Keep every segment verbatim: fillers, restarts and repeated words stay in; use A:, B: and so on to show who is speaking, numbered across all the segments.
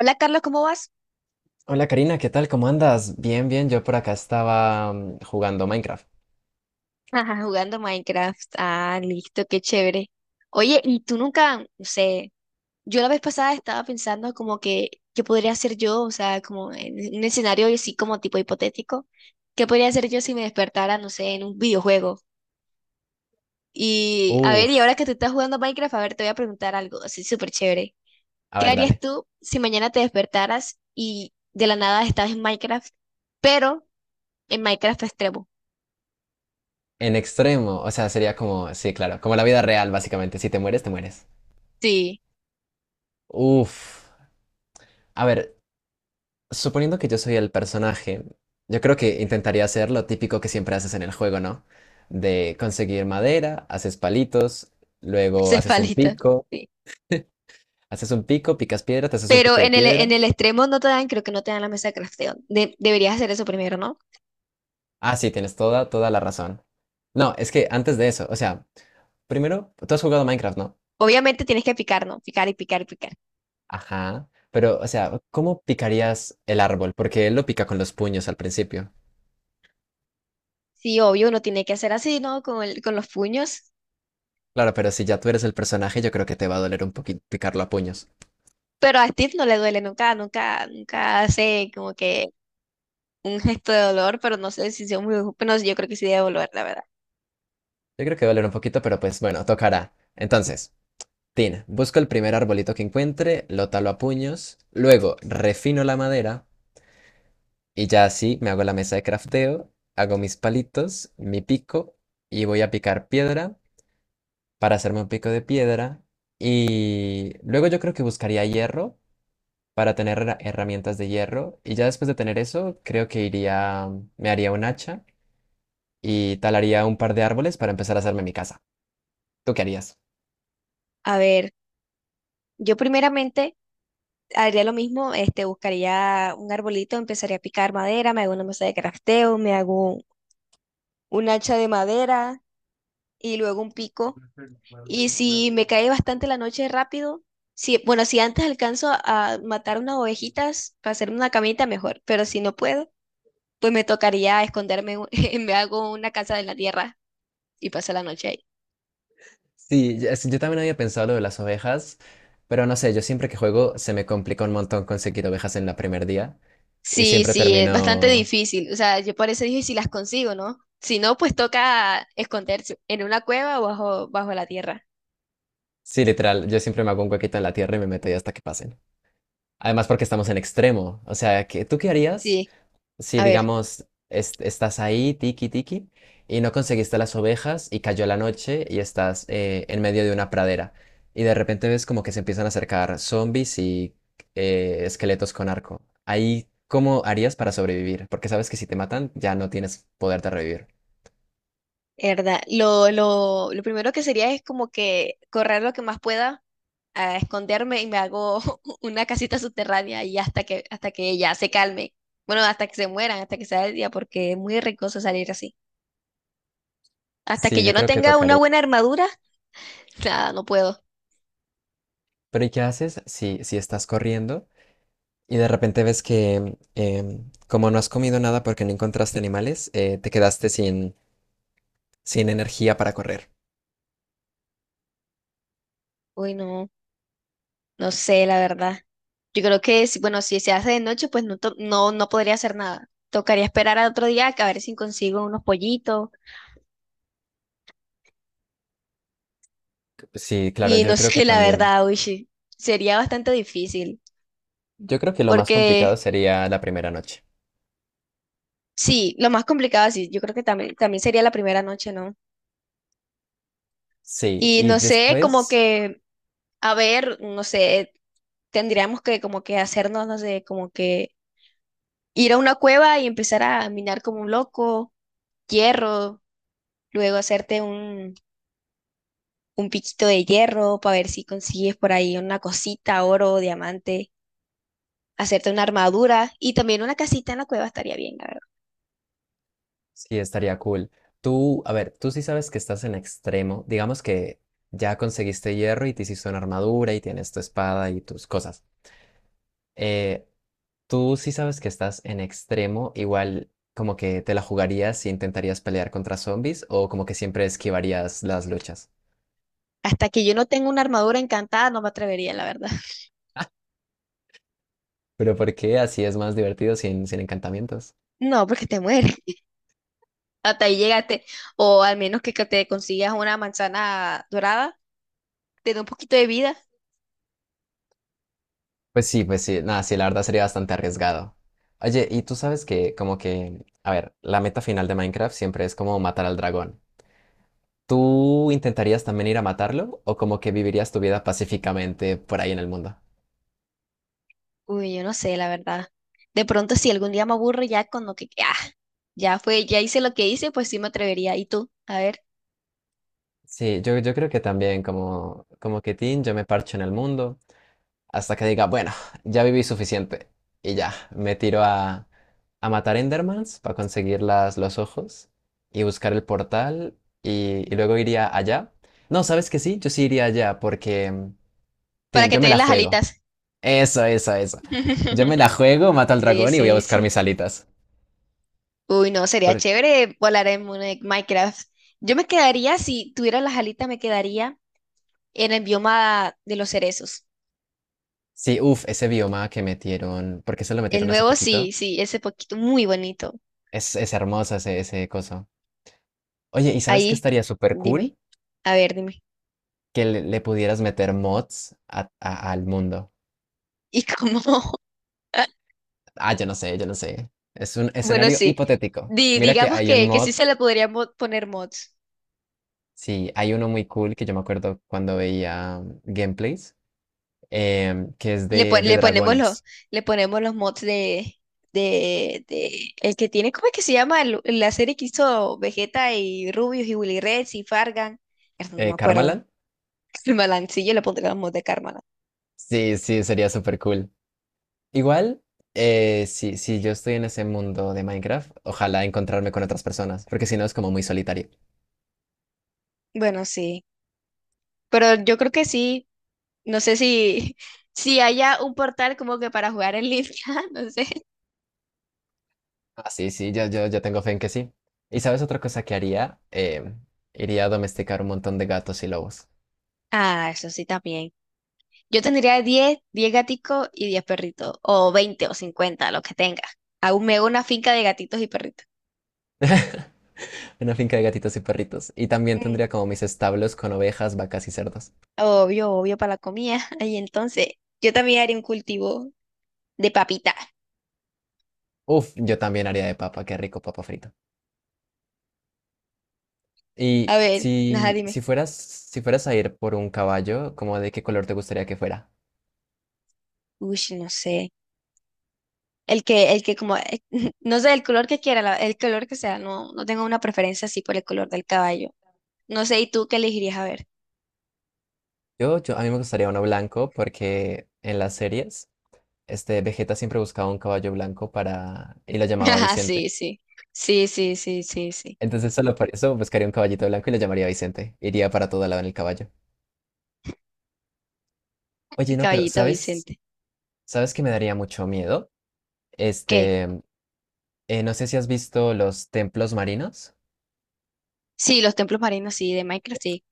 A: Hola Carlos, ¿cómo vas?
B: Hola Karina, ¿qué tal? ¿Cómo andas? Bien, bien, yo por acá estaba mm, jugando Minecraft.
A: Ajá, jugando Minecraft. Ah, listo, qué chévere. Oye, ¿y tú nunca, no sé, yo la vez pasada estaba pensando como que, ¿qué podría hacer yo? O sea, como en un escenario así como tipo hipotético, ¿qué podría hacer yo si me despertara, no sé, en un videojuego? Y a ver, y ahora
B: Uf,
A: que tú estás jugando Minecraft, a ver, te voy a preguntar algo así súper chévere.
B: a
A: ¿Qué
B: ver,
A: harías
B: dale.
A: tú si mañana te despertaras y de la nada estás en Minecraft, pero en Minecraft extremo?
B: En extremo, o sea, sería como, sí, claro, como la vida real, básicamente. Si te mueres, te mueres.
A: Sí,
B: Uf, a ver, suponiendo que yo soy el personaje, yo creo que intentaría hacer lo típico que siempre haces en el juego, ¿no? De conseguir madera, haces palitos, luego haces un
A: cefalita.
B: pico,
A: Sí.
B: haces un pico, picas piedra, te haces un
A: Pero
B: pico de
A: en el, en
B: piedra.
A: el extremo no te dan, creo que no te dan la mesa de crafteo. De- deberías hacer eso primero, ¿no?
B: Ah, sí, tienes toda, toda la razón. No, es que antes de eso, o sea, primero, tú has jugado Minecraft, ¿no?
A: Obviamente tienes que picar, ¿no? Picar y picar y picar.
B: Ajá. Pero, o sea, ¿cómo picarías el árbol? Porque él lo pica con los puños al principio.
A: Sí, obvio, uno tiene que hacer así, ¿no? Con el- con los puños.
B: Claro, pero si ya tú eres el personaje, yo creo que te va a doler un poquito picarlo a puños.
A: Pero a Steve no le duele nunca, nunca, nunca hace como que un gesto de dolor, pero no sé si sea muy, pero yo creo que sí debe volver, la verdad.
B: Yo creo que va a doler un poquito, pero pues bueno, tocará. Entonces, Tin, busco el primer arbolito que encuentre, lo talo a puños, luego refino la madera y ya así me hago la mesa de crafteo, hago mis palitos, mi pico y voy a picar piedra para hacerme un pico de piedra. Y luego yo creo que buscaría hierro para tener herra- herramientas de hierro. Y ya después de tener eso, creo que iría, me haría un hacha y talaría un par de árboles para empezar a hacerme mi casa. ¿Tú qué harías?
A: A ver, yo primeramente haría lo mismo, este, buscaría un arbolito, empezaría a picar madera, me hago una mesa de crafteo, me hago un hacha de madera y luego un pico. Y si me cae bastante la noche rápido, si, bueno, si antes alcanzo a matar unas ovejitas para hacerme una camita, mejor. Pero si no puedo, pues me tocaría esconderme, en un- me hago una casa en la tierra y paso la noche ahí.
B: Sí, ya- sí, yo también había pensado lo de las ovejas, pero no sé, yo siempre que juego se me complica un montón conseguir ovejas en la primer día y
A: Sí,
B: siempre
A: sí, es bastante
B: termino...
A: difícil. O sea, yo por eso dije si las consigo, ¿no? Si no, pues toca esconderse en una cueva o bajo, bajo la tierra.
B: Sí, literal, yo siempre me hago un huequito en la tierra y me meto ahí hasta que pasen. Además porque estamos en extremo, o sea, ¿qué- ¿tú qué harías?
A: Sí,
B: Si
A: a ver,
B: digamos es- estás ahí, tiki tiki, y no conseguiste las ovejas y cayó la noche y estás eh, en medio de una pradera. Y de repente ves como que se empiezan a acercar zombies y eh, esqueletos con arco. Ahí, ¿cómo harías para sobrevivir? Porque sabes que si te matan ya no tienes poder de revivir.
A: es verdad. Lo, lo, lo primero que sería es como que correr lo que más pueda a esconderme y me hago una casita subterránea y hasta que, hasta que ella se calme. Bueno, hasta que se mueran, hasta que sea el día, porque es muy riesgoso salir así. Hasta que
B: Sí,
A: yo
B: yo
A: no
B: creo que
A: tenga una
B: tocaría.
A: buena armadura, nada, no puedo.
B: Pero ¿y qué haces si, si estás corriendo y de repente ves que em, como no has comido nada porque no encontraste animales, eh, te quedaste sin, sin energía para correr?
A: Uy, no, no sé, la verdad. Yo creo que, si- bueno, si se hace de noche, pues no, to- no, no podría hacer nada. Tocaría esperar a otro día a ver si consigo unos pollitos.
B: Sí, claro,
A: Y no
B: yo creo que
A: sé, la
B: también.
A: verdad, uy, sí, sería bastante difícil.
B: Yo creo que lo más
A: Porque
B: complicado sería la primera noche.
A: sí, lo más complicado, sí, yo creo que también, también sería la primera noche, ¿no?
B: Sí,
A: Y
B: y
A: no sé, como
B: después
A: que, a ver, no sé, tendríamos que como que hacernos, no sé, como que ir a una cueva y empezar a minar como un loco, hierro, luego hacerte un, un piquito de hierro para ver si consigues por ahí una cosita, oro, diamante, hacerte una armadura y también una casita en la cueva estaría bien, la verdad.
B: sí estaría cool. Tú, a ver, tú sí sabes que estás en extremo. Digamos que ya conseguiste hierro y te hiciste una armadura y tienes tu espada y tus cosas. Eh, Tú sí sabes que estás en extremo, igual como que te la jugarías y intentarías pelear contra zombies o como que siempre esquivarías las luchas.
A: Hasta que yo no tenga una armadura encantada, no me atrevería, la verdad.
B: Pero ¿por qué así es más divertido sin, sin encantamientos?
A: No, porque te mueres. Hasta ahí llegaste. O al menos que que te consigas una manzana dorada te dé un poquito de vida.
B: Pues sí, pues sí, nada, sí, la verdad sería bastante arriesgado. Oye, y tú sabes que, como que, a ver, la meta final de Minecraft siempre es como matar al dragón. ¿Tú intentarías también ir a matarlo o como que vivirías tu vida pacíficamente por ahí en el mundo?
A: Uy, yo no sé, la verdad. De pronto, si algún día me aburro ya con lo que, ah, ya fue, ya hice lo que hice, pues sí me atrevería. ¿Y tú? A ver,
B: Sí, yo, yo creo que también como, como que Tin, yo me parcho en el mundo. Hasta que diga, bueno, ya viví suficiente. Y ya, me tiro a, a matar Endermans para conseguir las, los ojos y buscar el portal y, y luego iría allá. No, ¿sabes que sí? Yo sí iría allá porque,
A: para
B: tin,
A: que
B: yo
A: te
B: me la
A: den las
B: juego.
A: alitas.
B: Eso, eso, eso. Yo me la juego, mato al
A: Sí,
B: dragón y voy a
A: sí,
B: buscar
A: sí.
B: mis alitas.
A: Uy, no, sería
B: Por-
A: chévere volar en un- en Minecraft. Yo me quedaría, si tuviera las alitas, me quedaría en el bioma de los cerezos.
B: sí, uff, ese bioma que metieron, porque se lo
A: El
B: metieron hace
A: nuevo, sí,
B: poquito.
A: sí, ese poquito, muy bonito.
B: Es, es hermoso ese, ese coso. Oye, ¿y sabes qué
A: Ahí,
B: estaría súper
A: dime.
B: cool?
A: A ver, dime.
B: Que le, le pudieras meter mods a- a- al mundo.
A: ¿Y cómo?
B: Ah, yo no sé, yo no sé. Es un
A: Bueno,
B: escenario
A: sí.
B: hipotético.
A: Di-
B: Mira que
A: digamos
B: hay un
A: que, que sí
B: mod,
A: se le podría mo- poner mods.
B: sí, hay uno muy cool que yo me acuerdo cuando veía um, gameplays, em, que es
A: Le,
B: de,
A: pon-
B: de
A: le ponemos los,
B: dragones.
A: le ponemos los mods de, de, de el que tiene, ¿cómo es que se llama? El- la serie que hizo Vegeta y Rubius y Willy Rex y Fargan. Mierda, no me
B: Eh,
A: acuerdo.
B: ¿Karmaland?
A: El malancillo le pondría los mods de karma.
B: Sí, sí, sería súper cool. Igual, eh, si, si yo estoy en ese mundo de Minecraft, ojalá encontrarme con otras personas, porque si no es como muy solitario.
A: Bueno, sí. Pero yo creo que sí. No sé si, si haya un portal como que para jugar en línea, no sé.
B: Ah, sí, sí, yo, yo, yo tengo fe en que sí. ¿Y sabes otra cosa que haría? Eh, iría a domesticar un montón de gatos y lobos.
A: Ah, eso sí también. Yo tendría diez diez gaticos y diez perritos, o veinte o cincuenta lo que tenga. Aún me hago una finca de gatitos y perritos.
B: Una finca de gatitos y perritos. Y también
A: Mm.
B: tendría como mis establos con ovejas, vacas y cerdos.
A: Obvio, obvio para la comida. ahí entonces, yo también haría un cultivo de papita.
B: Uf, yo también haría de papa, qué rico papa frito. Y
A: A ver, nada,
B: si,
A: dime.
B: si fueras, si fueras a ir por un caballo, ¿cómo de qué color te gustaría que fuera?
A: Uy, no sé. El que, el que como, eh, no sé, el color que quiera, la- el color que sea, no, no tengo una preferencia así por el color del caballo. No sé, ¿y tú qué elegirías? A ver.
B: Yo, yo, a mí me gustaría uno blanco porque en las series, este Vegeta siempre buscaba un caballo blanco para, y lo llamaba
A: Ajá,
B: Vicente.
A: sí, sí. Sí, sí, sí, sí, sí.
B: Entonces solo por eso buscaría un caballito blanco y lo llamaría Vicente. Iría para todo lado en el caballo.
A: El
B: Oye, no, pero
A: caballito
B: ¿sabes?
A: Vicente.
B: ¿Sabes que me daría mucho miedo?
A: ¿Qué?
B: Este, eh, no sé si has visto los templos marinos.
A: Sí, los templos marinos, sí, de Minecraft, sí.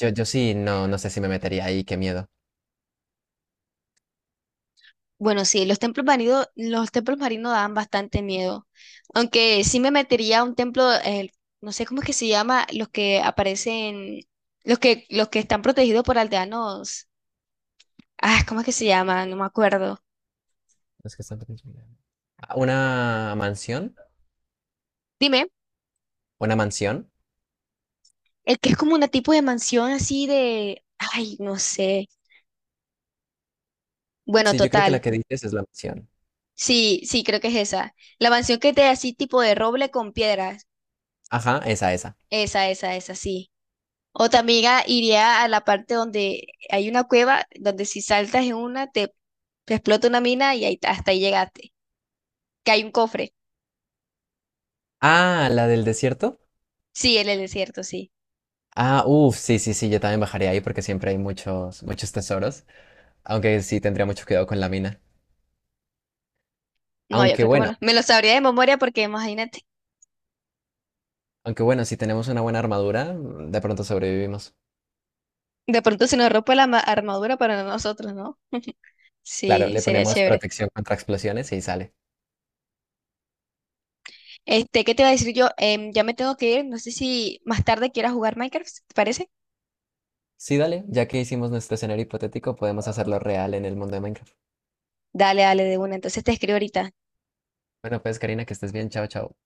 B: Yo, yo sí, no, no sé si me metería ahí, qué miedo.
A: Bueno, sí, los templos marinos, los templos marinos dan bastante miedo. Aunque sí me metería a un templo, eh, no sé cómo es que se llama, los que aparecen, los que, los que están protegidos por aldeanos. Ah, ¿cómo es que se llama? No me acuerdo.
B: Los que están pequeños, mira. Ah, ¿una mansión?
A: Dime,
B: ¿Una mansión?
A: el que es como una tipo de mansión así de, ay, no sé. Bueno,
B: Sí, yo creo que la
A: total.
B: que dices es la mansión.
A: Sí, sí, creo que es esa. La mansión que te así tipo de roble con piedras.
B: Ajá, esa, esa.
A: Esa, esa, esa, sí. Otra amiga iría a la parte donde hay una cueva, donde si saltas en una, te, te explota una mina y ahí, hasta ahí llegaste. Que hay un cofre.
B: Ah, la del desierto.
A: Sí, en el desierto, sí.
B: Ah, uff, sí, sí, sí, yo también bajaría ahí porque siempre hay muchos, muchos tesoros. Aunque sí tendría mucho cuidado con la mina.
A: No, yo
B: Aunque
A: creo que me
B: bueno.
A: lo, me lo sabría de memoria porque imagínate.
B: Aunque bueno, si tenemos una buena armadura, mm, de pronto sobrevivimos.
A: De pronto se nos rompe la ma- armadura para nosotros, ¿no?
B: Claro,
A: Sí,
B: le
A: sería
B: ponemos
A: chévere.
B: protección contra explosiones y sale.
A: Este, ¿qué te iba a decir yo? Em, ya me tengo que ir. No sé si más tarde quieras jugar Minecraft, ¿te parece?
B: Sí, dale, ya que hicimos nuestro escenario hipotético, podemos hacerlo real en el mundo de Minecraft.
A: Dale, dale, de una. Entonces te escribo ahorita.
B: Bueno, pues Karina, que estés bien. Chao, chao.